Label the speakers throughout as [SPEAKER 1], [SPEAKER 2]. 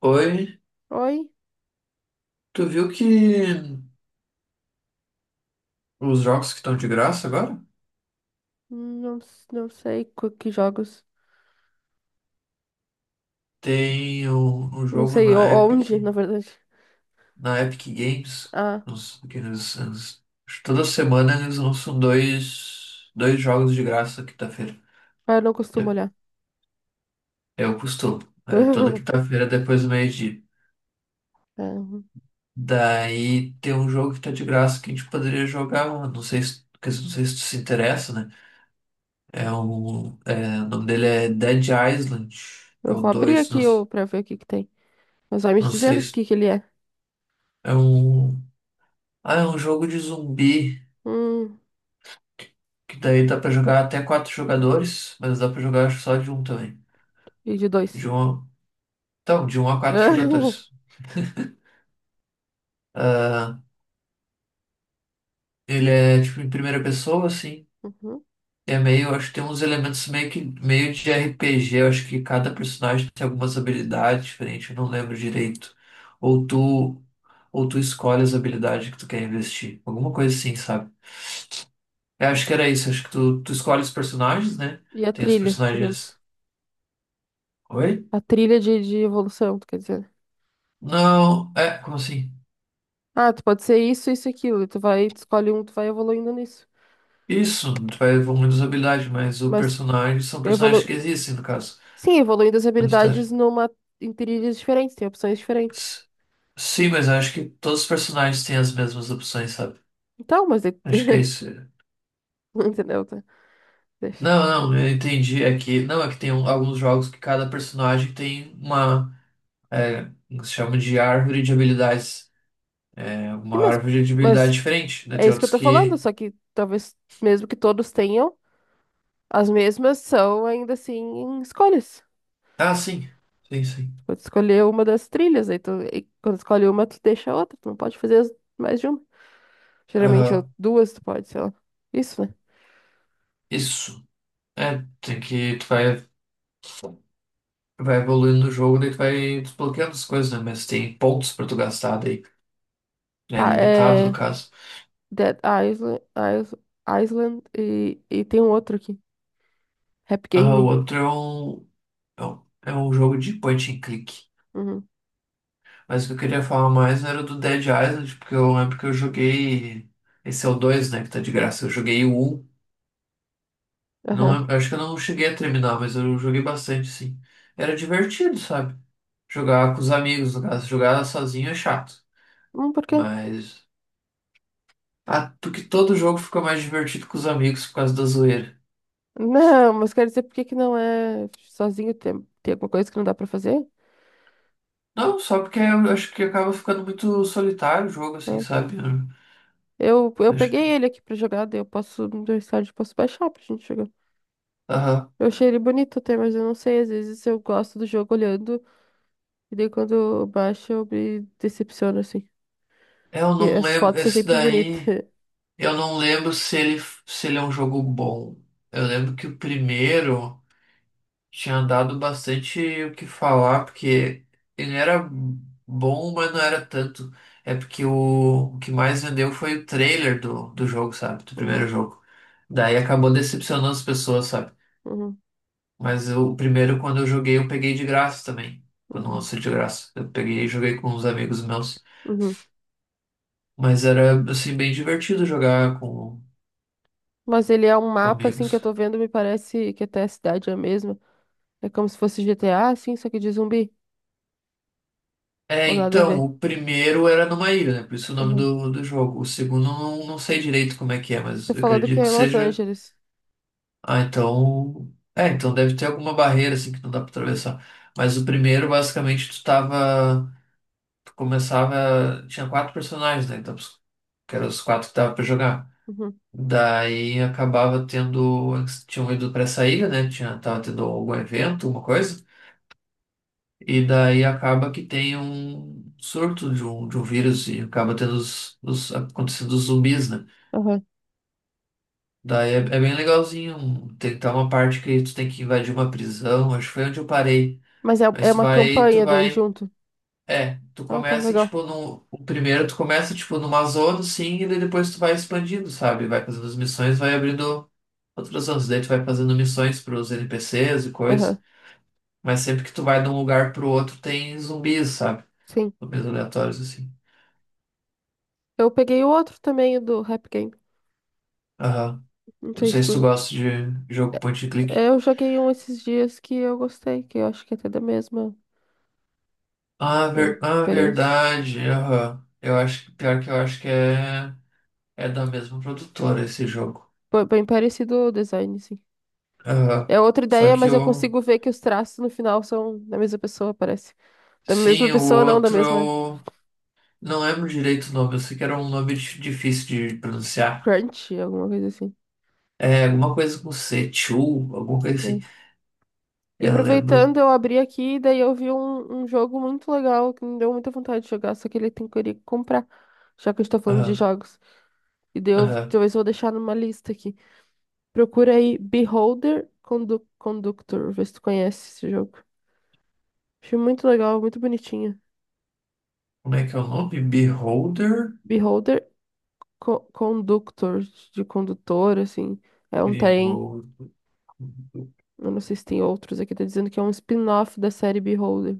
[SPEAKER 1] Oi,
[SPEAKER 2] Oi?
[SPEAKER 1] tu viu que os jogos que estão de graça agora?
[SPEAKER 2] Não, não sei que jogos.
[SPEAKER 1] Tem um
[SPEAKER 2] Não
[SPEAKER 1] jogo
[SPEAKER 2] sei onde, na verdade.
[SPEAKER 1] Na Epic Games,
[SPEAKER 2] Ah,
[SPEAKER 1] que toda semana eles lançam dois jogos de graça quinta-feira.
[SPEAKER 2] eu não costumo
[SPEAKER 1] De-
[SPEAKER 2] olhar.
[SPEAKER 1] É o costume. É toda quinta-feira depois do meio-dia.
[SPEAKER 2] Ah,
[SPEAKER 1] Daí tem um jogo que tá de graça que a gente poderia jogar, mano. Não sei se, quer dizer, não sei se tu se interessa, né? O nome dele é Dead Island. É
[SPEAKER 2] eu
[SPEAKER 1] o
[SPEAKER 2] vou abrir
[SPEAKER 1] dois, não.
[SPEAKER 2] aqui pra ver o que que tem. Mas vai me
[SPEAKER 1] Não
[SPEAKER 2] dizendo
[SPEAKER 1] sei
[SPEAKER 2] o
[SPEAKER 1] se...
[SPEAKER 2] que que ele é.
[SPEAKER 1] É um, ah, é um jogo de zumbi,
[SPEAKER 2] Hum,
[SPEAKER 1] que daí dá pra jogar até quatro jogadores, mas dá pra jogar, acho, só de um também.
[SPEAKER 2] e de
[SPEAKER 1] De
[SPEAKER 2] dois.
[SPEAKER 1] um, então, de um a quatro jogadores. Ah, ele é tipo em primeira pessoa, assim.
[SPEAKER 2] Uhum.
[SPEAKER 1] É meio, acho que tem uns elementos meio que meio de RPG. Eu acho que cada personagem tem algumas habilidades diferentes, eu não lembro direito. Ou tu, ou tu escolhe as habilidades que tu quer investir. Alguma coisa assim, sabe? Eu acho que era isso, acho que tu escolhe os personagens, né?
[SPEAKER 2] E a
[SPEAKER 1] Tem os
[SPEAKER 2] trilha, digamos.
[SPEAKER 1] personagens. Oi?
[SPEAKER 2] A trilha de evolução, tu quer dizer.
[SPEAKER 1] Não, é, como assim?
[SPEAKER 2] Ah, tu pode ser isso, isso e aquilo. E tu vai, tu escolhe um, tu vai evoluindo nisso.
[SPEAKER 1] Isso, tu vai evoluindo as habilidades, mas o
[SPEAKER 2] Mas
[SPEAKER 1] personagem são personagens que
[SPEAKER 2] evolu...
[SPEAKER 1] existem, no caso.
[SPEAKER 2] Sim, evoluindo as
[SPEAKER 1] Na história.
[SPEAKER 2] habilidades numa... em trilhas diferentes, tem opções diferentes.
[SPEAKER 1] S- Sim, mas eu acho que todos os personagens têm as mesmas opções, sabe?
[SPEAKER 2] Então, mas daí...
[SPEAKER 1] Acho que é isso.
[SPEAKER 2] Entendeu? Tá? Deixa.
[SPEAKER 1] Não, não, eu entendi. É que, não, é que tem alguns jogos que cada personagem tem uma, que se chama de árvore de habilidades. É
[SPEAKER 2] E
[SPEAKER 1] uma
[SPEAKER 2] Mas,
[SPEAKER 1] árvore de habilidade
[SPEAKER 2] mas
[SPEAKER 1] diferente, né?
[SPEAKER 2] é
[SPEAKER 1] Tem
[SPEAKER 2] isso que eu
[SPEAKER 1] outros
[SPEAKER 2] tô falando,
[SPEAKER 1] que.
[SPEAKER 2] só que talvez, mesmo que todos tenham, as mesmas são ainda assim escolhas.
[SPEAKER 1] Ah, sim, sim, sim.
[SPEAKER 2] Tu pode escolher uma das trilhas, aí tu, e quando escolhe uma, tu deixa a outra, tu não pode fazer mais de uma. Geralmente ou
[SPEAKER 1] Aham,
[SPEAKER 2] duas tu pode, sei lá. Isso, né?
[SPEAKER 1] isso. É, tem que, tu vai evoluindo o jogo, daí tu vai desbloqueando as coisas, né? Mas tem pontos pra tu gastar daí, né?
[SPEAKER 2] Tá,
[SPEAKER 1] Limitado, no
[SPEAKER 2] é
[SPEAKER 1] caso.
[SPEAKER 2] Dead Island, Is- Island e tem um outro aqui. Rap
[SPEAKER 1] Ah, o
[SPEAKER 2] Game.
[SPEAKER 1] outro é um, é um jogo de point and click.
[SPEAKER 2] Uhum.
[SPEAKER 1] Mas o que eu queria falar mais era do Dead Island, porque eu lembro que eu joguei. Esse é o 2, né? Que tá de graça. Eu joguei o um. Não,
[SPEAKER 2] Aham.
[SPEAKER 1] acho que eu não cheguei a terminar, mas eu joguei bastante, sim. Era divertido, sabe? Jogar com os amigos, no caso. Jogar sozinho é chato.
[SPEAKER 2] Por quê?
[SPEAKER 1] Mas. Ah, porque todo jogo fica mais divertido com os amigos por causa da zoeira.
[SPEAKER 2] Não, mas quero dizer por que que não é sozinho, tem, tem alguma coisa que não dá pra fazer?
[SPEAKER 1] Não, só porque eu acho que acaba ficando muito solitário o jogo, assim,
[SPEAKER 2] Né?
[SPEAKER 1] sabe? Eu
[SPEAKER 2] Eu
[SPEAKER 1] acho
[SPEAKER 2] peguei
[SPEAKER 1] que.
[SPEAKER 2] ele aqui pra jogar, daí eu posso, no meu estádio, posso baixar pra gente jogar.
[SPEAKER 1] Aham.
[SPEAKER 2] Eu achei ele bonito até, mas eu não sei, às vezes eu gosto do jogo olhando, e daí quando eu baixo eu me decepciono, assim.
[SPEAKER 1] Eu
[SPEAKER 2] E
[SPEAKER 1] não
[SPEAKER 2] as
[SPEAKER 1] lembro.
[SPEAKER 2] fotos são
[SPEAKER 1] Esse
[SPEAKER 2] sempre bonitas.
[SPEAKER 1] daí. Eu não lembro se ele, é um jogo bom. Eu lembro que o primeiro tinha dado bastante o que falar, porque ele era bom, mas não era tanto. É porque o que mais vendeu foi o trailer do jogo, sabe? Do primeiro
[SPEAKER 2] Uhum,
[SPEAKER 1] jogo. Daí acabou decepcionando as pessoas, sabe?
[SPEAKER 2] uhum,
[SPEAKER 1] Mas o primeiro, quando eu joguei, eu peguei de graça também. Quando
[SPEAKER 2] uhum,
[SPEAKER 1] lançou de graça. Eu peguei e joguei com uns amigos meus.
[SPEAKER 2] uhum.
[SPEAKER 1] Mas era, assim, bem divertido jogar com,
[SPEAKER 2] Mas ele é um
[SPEAKER 1] com
[SPEAKER 2] mapa, assim, que eu
[SPEAKER 1] amigos.
[SPEAKER 2] tô vendo, me parece que até a cidade é a mesma. É como se fosse GTA, assim, só que de zumbi.
[SPEAKER 1] É,
[SPEAKER 2] Ou nada a ver.
[SPEAKER 1] então, o primeiro era numa ilha, né? Por isso o nome
[SPEAKER 2] Aham.
[SPEAKER 1] do jogo. O segundo, eu não sei direito como é que é, mas
[SPEAKER 2] Você
[SPEAKER 1] eu
[SPEAKER 2] falou do que
[SPEAKER 1] acredito
[SPEAKER 2] é
[SPEAKER 1] que
[SPEAKER 2] em Los
[SPEAKER 1] seja.
[SPEAKER 2] Angeles.
[SPEAKER 1] Ah, então. É, então deve ter alguma barreira, assim, que não dá pra atravessar. Mas o primeiro, basicamente, tu tava. Tu começava. Tinha quatro personagens, né? Então, que eram os quatro que dava pra jogar.
[SPEAKER 2] Uhum.
[SPEAKER 1] Daí acabava tendo. Eles tinham ido para essa ilha, né? Tinha, tava tendo algum evento, alguma coisa. E daí acaba que tem um surto de um vírus e acaba tendo os, acontecendo os zumbis, né?
[SPEAKER 2] Aham.
[SPEAKER 1] Daí é bem legalzinho. Tem uma parte que tu tem que invadir uma prisão. Acho que foi onde eu parei.
[SPEAKER 2] Mas é,
[SPEAKER 1] Mas
[SPEAKER 2] é
[SPEAKER 1] tu
[SPEAKER 2] uma
[SPEAKER 1] vai, tu
[SPEAKER 2] campanha daí
[SPEAKER 1] vai.
[SPEAKER 2] junto.
[SPEAKER 1] É, tu
[SPEAKER 2] Ah, tá,
[SPEAKER 1] começa
[SPEAKER 2] legal.
[SPEAKER 1] tipo no. O primeiro tu começa tipo numa zona, sim, e daí depois tu vai expandindo, sabe? Vai fazendo as missões, vai abrindo. Outros anos Daí tu vai fazendo missões pros NPCs e coisas,
[SPEAKER 2] Aham.
[SPEAKER 1] mas sempre que tu vai de um lugar pro outro tem zumbis, sabe?
[SPEAKER 2] Sim.
[SPEAKER 1] Zumbis aleatórios, assim.
[SPEAKER 2] Eu peguei o outro também, o do Rap Game.
[SPEAKER 1] Aham.
[SPEAKER 2] Não
[SPEAKER 1] Não
[SPEAKER 2] sei se
[SPEAKER 1] sei se tu
[SPEAKER 2] tu...
[SPEAKER 1] gosta de jogo point and
[SPEAKER 2] É,
[SPEAKER 1] click.
[SPEAKER 2] eu joguei um esses dias que eu gostei, que eu acho que é até da mesma
[SPEAKER 1] Ah,
[SPEAKER 2] empresa.
[SPEAKER 1] verdade. Aham. Eu acho que pior que eu acho que é da mesma produtora esse jogo.
[SPEAKER 2] Bem bem parecido o design, sim.
[SPEAKER 1] Aham.
[SPEAKER 2] É outra
[SPEAKER 1] Só
[SPEAKER 2] ideia,
[SPEAKER 1] que
[SPEAKER 2] mas eu
[SPEAKER 1] o.
[SPEAKER 2] consigo ver que os traços no final são da mesma pessoa, parece. Da mesma
[SPEAKER 1] Sim, o
[SPEAKER 2] pessoa, não, da
[SPEAKER 1] outro,
[SPEAKER 2] mesma...
[SPEAKER 1] eu. Não lembro direito o nome. Eu sei que era um nome difícil de pronunciar.
[SPEAKER 2] Crunch, alguma coisa assim.
[SPEAKER 1] É alguma coisa com C, Chu, alguma coisa
[SPEAKER 2] Né?
[SPEAKER 1] assim.
[SPEAKER 2] E
[SPEAKER 1] Eu lembro.
[SPEAKER 2] aproveitando, eu abri aqui, daí eu vi um jogo muito legal que me deu muita vontade de jogar, só que ele tem que eu iria comprar, já que a gente tá falando de
[SPEAKER 1] Aham,
[SPEAKER 2] jogos. E daí eu
[SPEAKER 1] aham.
[SPEAKER 2] talvez eu vou deixar numa lista aqui. Procura aí Beholder Conductor, vê se tu conhece esse jogo. Achei muito legal, muito bonitinho.
[SPEAKER 1] Como é que é o nome? Beholder?
[SPEAKER 2] Beholder Conductor, de condutor, assim. É um trem.
[SPEAKER 1] Beholder.
[SPEAKER 2] Eu não sei se tem outros aqui, tá dizendo que é um spin-off da série Beholder.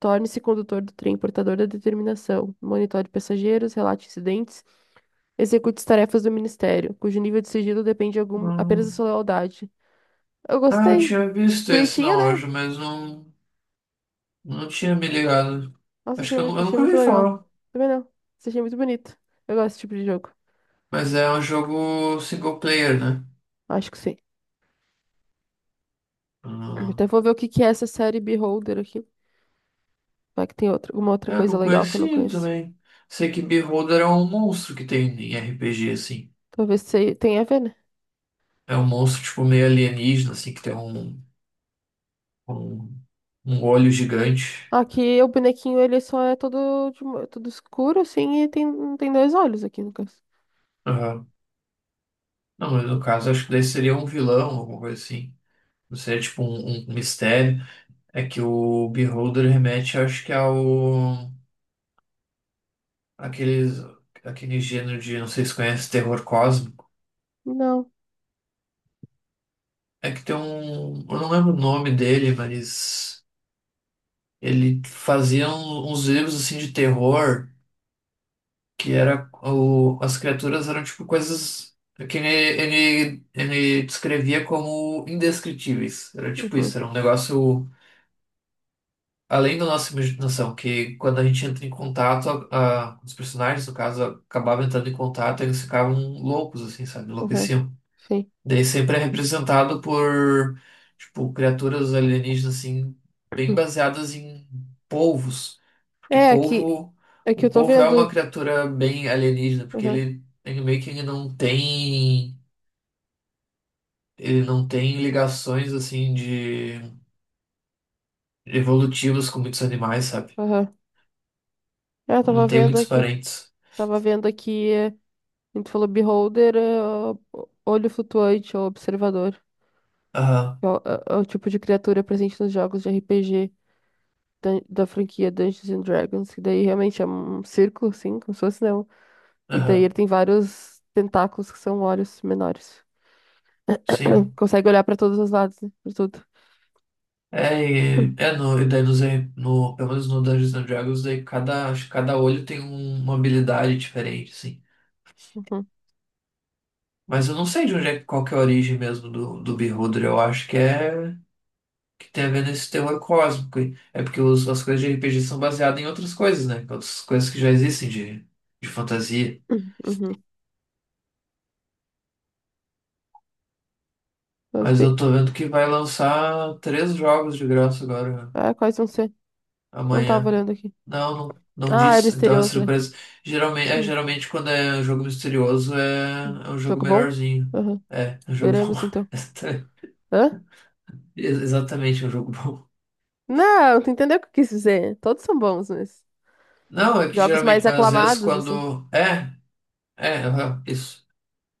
[SPEAKER 2] Torne-se condutor do trem portador da determinação. Monitore passageiros, relate incidentes, execute as tarefas do ministério, cujo nível de sigilo depende apenas da
[SPEAKER 1] Hum.
[SPEAKER 2] sua lealdade. Eu
[SPEAKER 1] Ah, eu
[SPEAKER 2] gostei.
[SPEAKER 1] tinha visto esse
[SPEAKER 2] Bonitinha,
[SPEAKER 1] na
[SPEAKER 2] né?
[SPEAKER 1] loja, mas não tinha me ligado.
[SPEAKER 2] Nossa,
[SPEAKER 1] Acho que eu, eu
[SPEAKER 2] achei
[SPEAKER 1] nunca
[SPEAKER 2] muito
[SPEAKER 1] ouvi
[SPEAKER 2] legal.
[SPEAKER 1] falar.
[SPEAKER 2] Também não. Isso achei muito bonito. Eu gosto desse tipo de jogo.
[SPEAKER 1] Mas é um jogo single player, né?
[SPEAKER 2] Acho que sim.
[SPEAKER 1] Ah,
[SPEAKER 2] Até vou ver o que que é essa série Beholder aqui. Vai que tem outra, alguma outra
[SPEAKER 1] eu
[SPEAKER 2] coisa
[SPEAKER 1] não
[SPEAKER 2] legal que eu não
[SPEAKER 1] conhecia
[SPEAKER 2] conheço.
[SPEAKER 1] também. Sei que Beholder é um monstro que tem em RPG, assim.
[SPEAKER 2] Talvez tenha a ver, né?
[SPEAKER 1] É um monstro, tipo, meio alienígena, assim, que tem um, um olho gigante.
[SPEAKER 2] Aqui o bonequinho ele só é todo, todo escuro, assim, tem dois olhos aqui no caso.
[SPEAKER 1] Aham. Não, mas no caso, acho que daí seria um vilão, alguma coisa assim. Não seria tipo um mistério. É que o Beholder remete, acho que ao. Aqueles, aquele gênero de, não sei se conhece, terror cósmico.
[SPEAKER 2] Não.
[SPEAKER 1] É que tem um. Eu não lembro o nome dele, mas. Ele fazia uns livros assim de terror, que era. O, as criaturas eram tipo coisas. Que ele descrevia como indescritíveis. Era tipo isso,
[SPEAKER 2] Uhum.
[SPEAKER 1] era um negócio. Além da nossa imaginação, que quando a gente entra em contato, os personagens, no caso, acabavam entrando em contato, eles ficavam loucos, assim, sabe?
[SPEAKER 2] Aham,
[SPEAKER 1] Enlouqueciam.
[SPEAKER 2] sim.
[SPEAKER 1] Daí sempre é representado por, tipo, criaturas alienígenas, assim, bem
[SPEAKER 2] Uhum.
[SPEAKER 1] baseadas em polvos. Porque
[SPEAKER 2] É, aqui,
[SPEAKER 1] polvo,
[SPEAKER 2] aqui
[SPEAKER 1] um
[SPEAKER 2] eu tô
[SPEAKER 1] polvo é uma
[SPEAKER 2] vendo.
[SPEAKER 1] criatura bem alienígena, porque
[SPEAKER 2] Aham,
[SPEAKER 1] ele meio que ele não tem ligações, assim, de evolutivas com muitos animais, sabe?
[SPEAKER 2] aham. É, eu tava
[SPEAKER 1] Não tem
[SPEAKER 2] vendo
[SPEAKER 1] muitos
[SPEAKER 2] aqui.
[SPEAKER 1] parentes.
[SPEAKER 2] Tava vendo aqui. É, a gente falou beholder, é, ó, olho flutuante ou observador.
[SPEAKER 1] Aham.
[SPEAKER 2] É é o tipo de criatura presente nos jogos de RPG da franquia Dungeons and Dragons. E daí realmente é um círculo, assim, como se fosse, não. E daí ele
[SPEAKER 1] Aham,
[SPEAKER 2] tem vários tentáculos que são olhos menores.
[SPEAKER 1] sim.
[SPEAKER 2] Consegue olhar pra todos os lados, né? Pra tudo.
[SPEAKER 1] É, é no, e daí no, no, pelo menos no Dungeons and Dragons, daí cada, acho que cada olho tem uma habilidade diferente, assim.
[SPEAKER 2] Uhum.
[SPEAKER 1] Mas eu não sei de onde é, qual que é a origem mesmo do Beholder. Eu acho que é que tem a ver nesse terror cósmico aí. É porque as coisas de RPG são baseadas em outras coisas, né? Outras coisas que já existem de fantasia.
[SPEAKER 2] Uhum. Mas
[SPEAKER 1] Mas eu
[SPEAKER 2] bem.
[SPEAKER 1] tô vendo que vai lançar três jogos de graça agora,
[SPEAKER 2] Ah, quais vão ser? Não tava
[SPEAKER 1] amanhã.
[SPEAKER 2] olhando aqui.
[SPEAKER 1] Não, não, não
[SPEAKER 2] Ah, é
[SPEAKER 1] disse. Então é
[SPEAKER 2] misterioso, né?
[SPEAKER 1] surpresa. Geralmente, é,
[SPEAKER 2] Hum,
[SPEAKER 1] geralmente quando é um jogo misterioso
[SPEAKER 2] hum.
[SPEAKER 1] é um jogo
[SPEAKER 2] Jogo bom?
[SPEAKER 1] melhorzinho.
[SPEAKER 2] Aham.
[SPEAKER 1] É um jogo bom.
[SPEAKER 2] Veremos então. Hã?
[SPEAKER 1] Exatamente, é um jogo bom.
[SPEAKER 2] Não, tu entendeu o que eu quis dizer. Todos são bons, mas
[SPEAKER 1] Não, é que
[SPEAKER 2] jogos mais
[SPEAKER 1] geralmente, às vezes
[SPEAKER 2] aclamados, assim.
[SPEAKER 1] quando. É, é, aham, isso.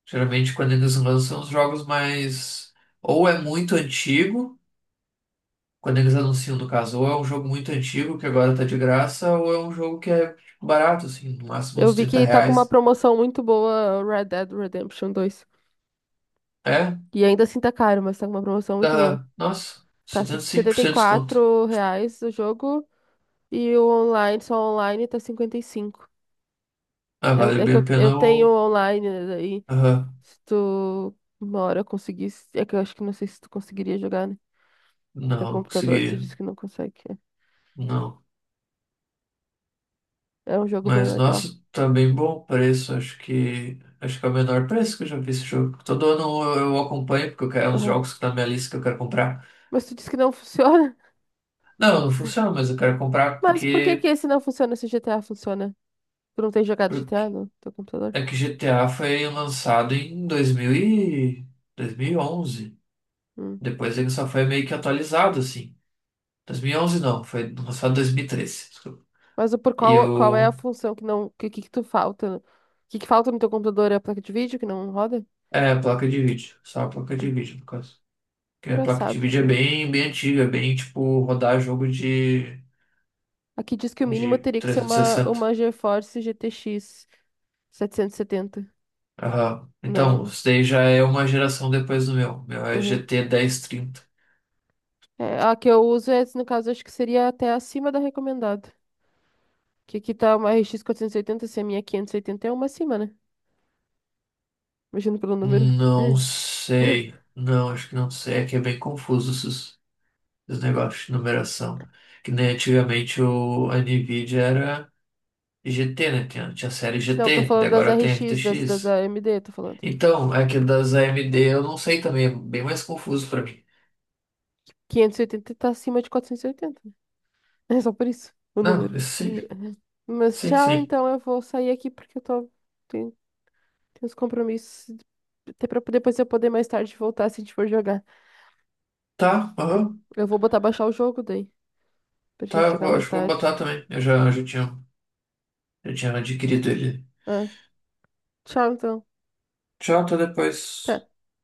[SPEAKER 1] Geralmente quando eles lançam os jogos mais. Ou é muito antigo, quando eles anunciam, no caso, ou é um jogo muito antigo que agora tá de graça, ou é um jogo que é tipo, barato, assim, no máximo
[SPEAKER 2] Eu
[SPEAKER 1] uns
[SPEAKER 2] vi
[SPEAKER 1] trinta
[SPEAKER 2] que tá com uma
[SPEAKER 1] reais.
[SPEAKER 2] promoção muito boa, Red Dead Redemption dois.
[SPEAKER 1] É,
[SPEAKER 2] E ainda assim tá caro, mas tá com uma promoção muito boa.
[SPEAKER 1] dá, nossa,
[SPEAKER 2] Tá setenta e
[SPEAKER 1] 75% de desconto.
[SPEAKER 2] quatro reais o jogo e o online, só online, tá 55.
[SPEAKER 1] Ah,
[SPEAKER 2] Eu,
[SPEAKER 1] vale
[SPEAKER 2] é que
[SPEAKER 1] bem a
[SPEAKER 2] eu
[SPEAKER 1] pena
[SPEAKER 2] tenho
[SPEAKER 1] o.
[SPEAKER 2] online, né, daí
[SPEAKER 1] Aham.
[SPEAKER 2] se tu uma hora conseguisse, é que eu acho que não sei se tu conseguiria jogar, né? Teu
[SPEAKER 1] Não,
[SPEAKER 2] computador, tu
[SPEAKER 1] consegui.
[SPEAKER 2] disse que não consegue.
[SPEAKER 1] Não.
[SPEAKER 2] É um jogo bem
[SPEAKER 1] Mas, nossa,
[SPEAKER 2] legal.
[SPEAKER 1] tá bem bom o preço. Acho que. Acho que é o menor preço que eu já vi esse jogo. Todo ano eu acompanho, porque eu quero, é um dos
[SPEAKER 2] Aham.
[SPEAKER 1] jogos que tá na minha lista que eu quero comprar.
[SPEAKER 2] Mas tu disse que não funciona?
[SPEAKER 1] Não, não funciona, mas eu quero comprar
[SPEAKER 2] Mas por que que
[SPEAKER 1] porque,
[SPEAKER 2] esse não funciona se o GTA funciona? Tu não tem jogado
[SPEAKER 1] porque
[SPEAKER 2] GTA no teu computador?
[SPEAKER 1] é que GTA foi lançado em 2000 e... 2011.
[SPEAKER 2] Hum.
[SPEAKER 1] Depois ele só foi meio que atualizado, assim. 2011 não, foi lançado em 2013. Desculpa.
[SPEAKER 2] Mas por
[SPEAKER 1] E
[SPEAKER 2] qual, qual é a
[SPEAKER 1] o.
[SPEAKER 2] função que não. Que tu falta? O que, que falta no teu computador? É a placa de vídeo que não roda?
[SPEAKER 1] É, placa de vídeo. Só a placa de vídeo, no caso. Que é a placa de
[SPEAKER 2] Engraçado.
[SPEAKER 1] vídeo é bem, bem antiga, é bem tipo rodar jogo de,
[SPEAKER 2] Aqui diz que o mínimo
[SPEAKER 1] de
[SPEAKER 2] teria que ser
[SPEAKER 1] 360.
[SPEAKER 2] uma GeForce GTX 770.
[SPEAKER 1] Aham. Então,
[SPEAKER 2] Não.
[SPEAKER 1] isso daí já é uma geração depois do meu. Meu é G
[SPEAKER 2] Uhum.
[SPEAKER 1] T dez trinta.
[SPEAKER 2] É, a que eu uso, é, no caso, acho que seria até acima da recomendada. Que aqui tá uma RX 480, se a minha é 580 é uma acima, né? Imagino pelo número.
[SPEAKER 1] Não sei. Não, acho que não sei. É que é bem confuso esses negócios de numeração. Que nem antigamente a Nvidia era GT, né? Tinha a série G
[SPEAKER 2] Não, tô
[SPEAKER 1] T. Daí
[SPEAKER 2] falando das
[SPEAKER 1] agora tem R T
[SPEAKER 2] RX, das
[SPEAKER 1] X.
[SPEAKER 2] AMD, tô falando.
[SPEAKER 1] Então, é que das AMD eu não sei também. É bem mais confuso pra mim.
[SPEAKER 2] 580 tá acima de 480. Né? É só por isso, o
[SPEAKER 1] Não,
[SPEAKER 2] número.
[SPEAKER 1] isso sim.
[SPEAKER 2] Mas
[SPEAKER 1] Sim,
[SPEAKER 2] tchau,
[SPEAKER 1] sim.
[SPEAKER 2] então eu vou sair aqui porque eu tô. Tenho, tenho uns compromissos. Até pra depois eu poder mais tarde voltar se a gente for jogar.
[SPEAKER 1] Tá, aham,
[SPEAKER 2] Eu vou botar baixar o jogo daí, pra
[SPEAKER 1] tá,
[SPEAKER 2] gente jogar mais
[SPEAKER 1] acho que vou
[SPEAKER 2] tarde.
[SPEAKER 1] botar também. Eu já, já tinha adquirido ele.
[SPEAKER 2] É. Tchau, então.
[SPEAKER 1] Tchau, até depois.
[SPEAKER 2] Até.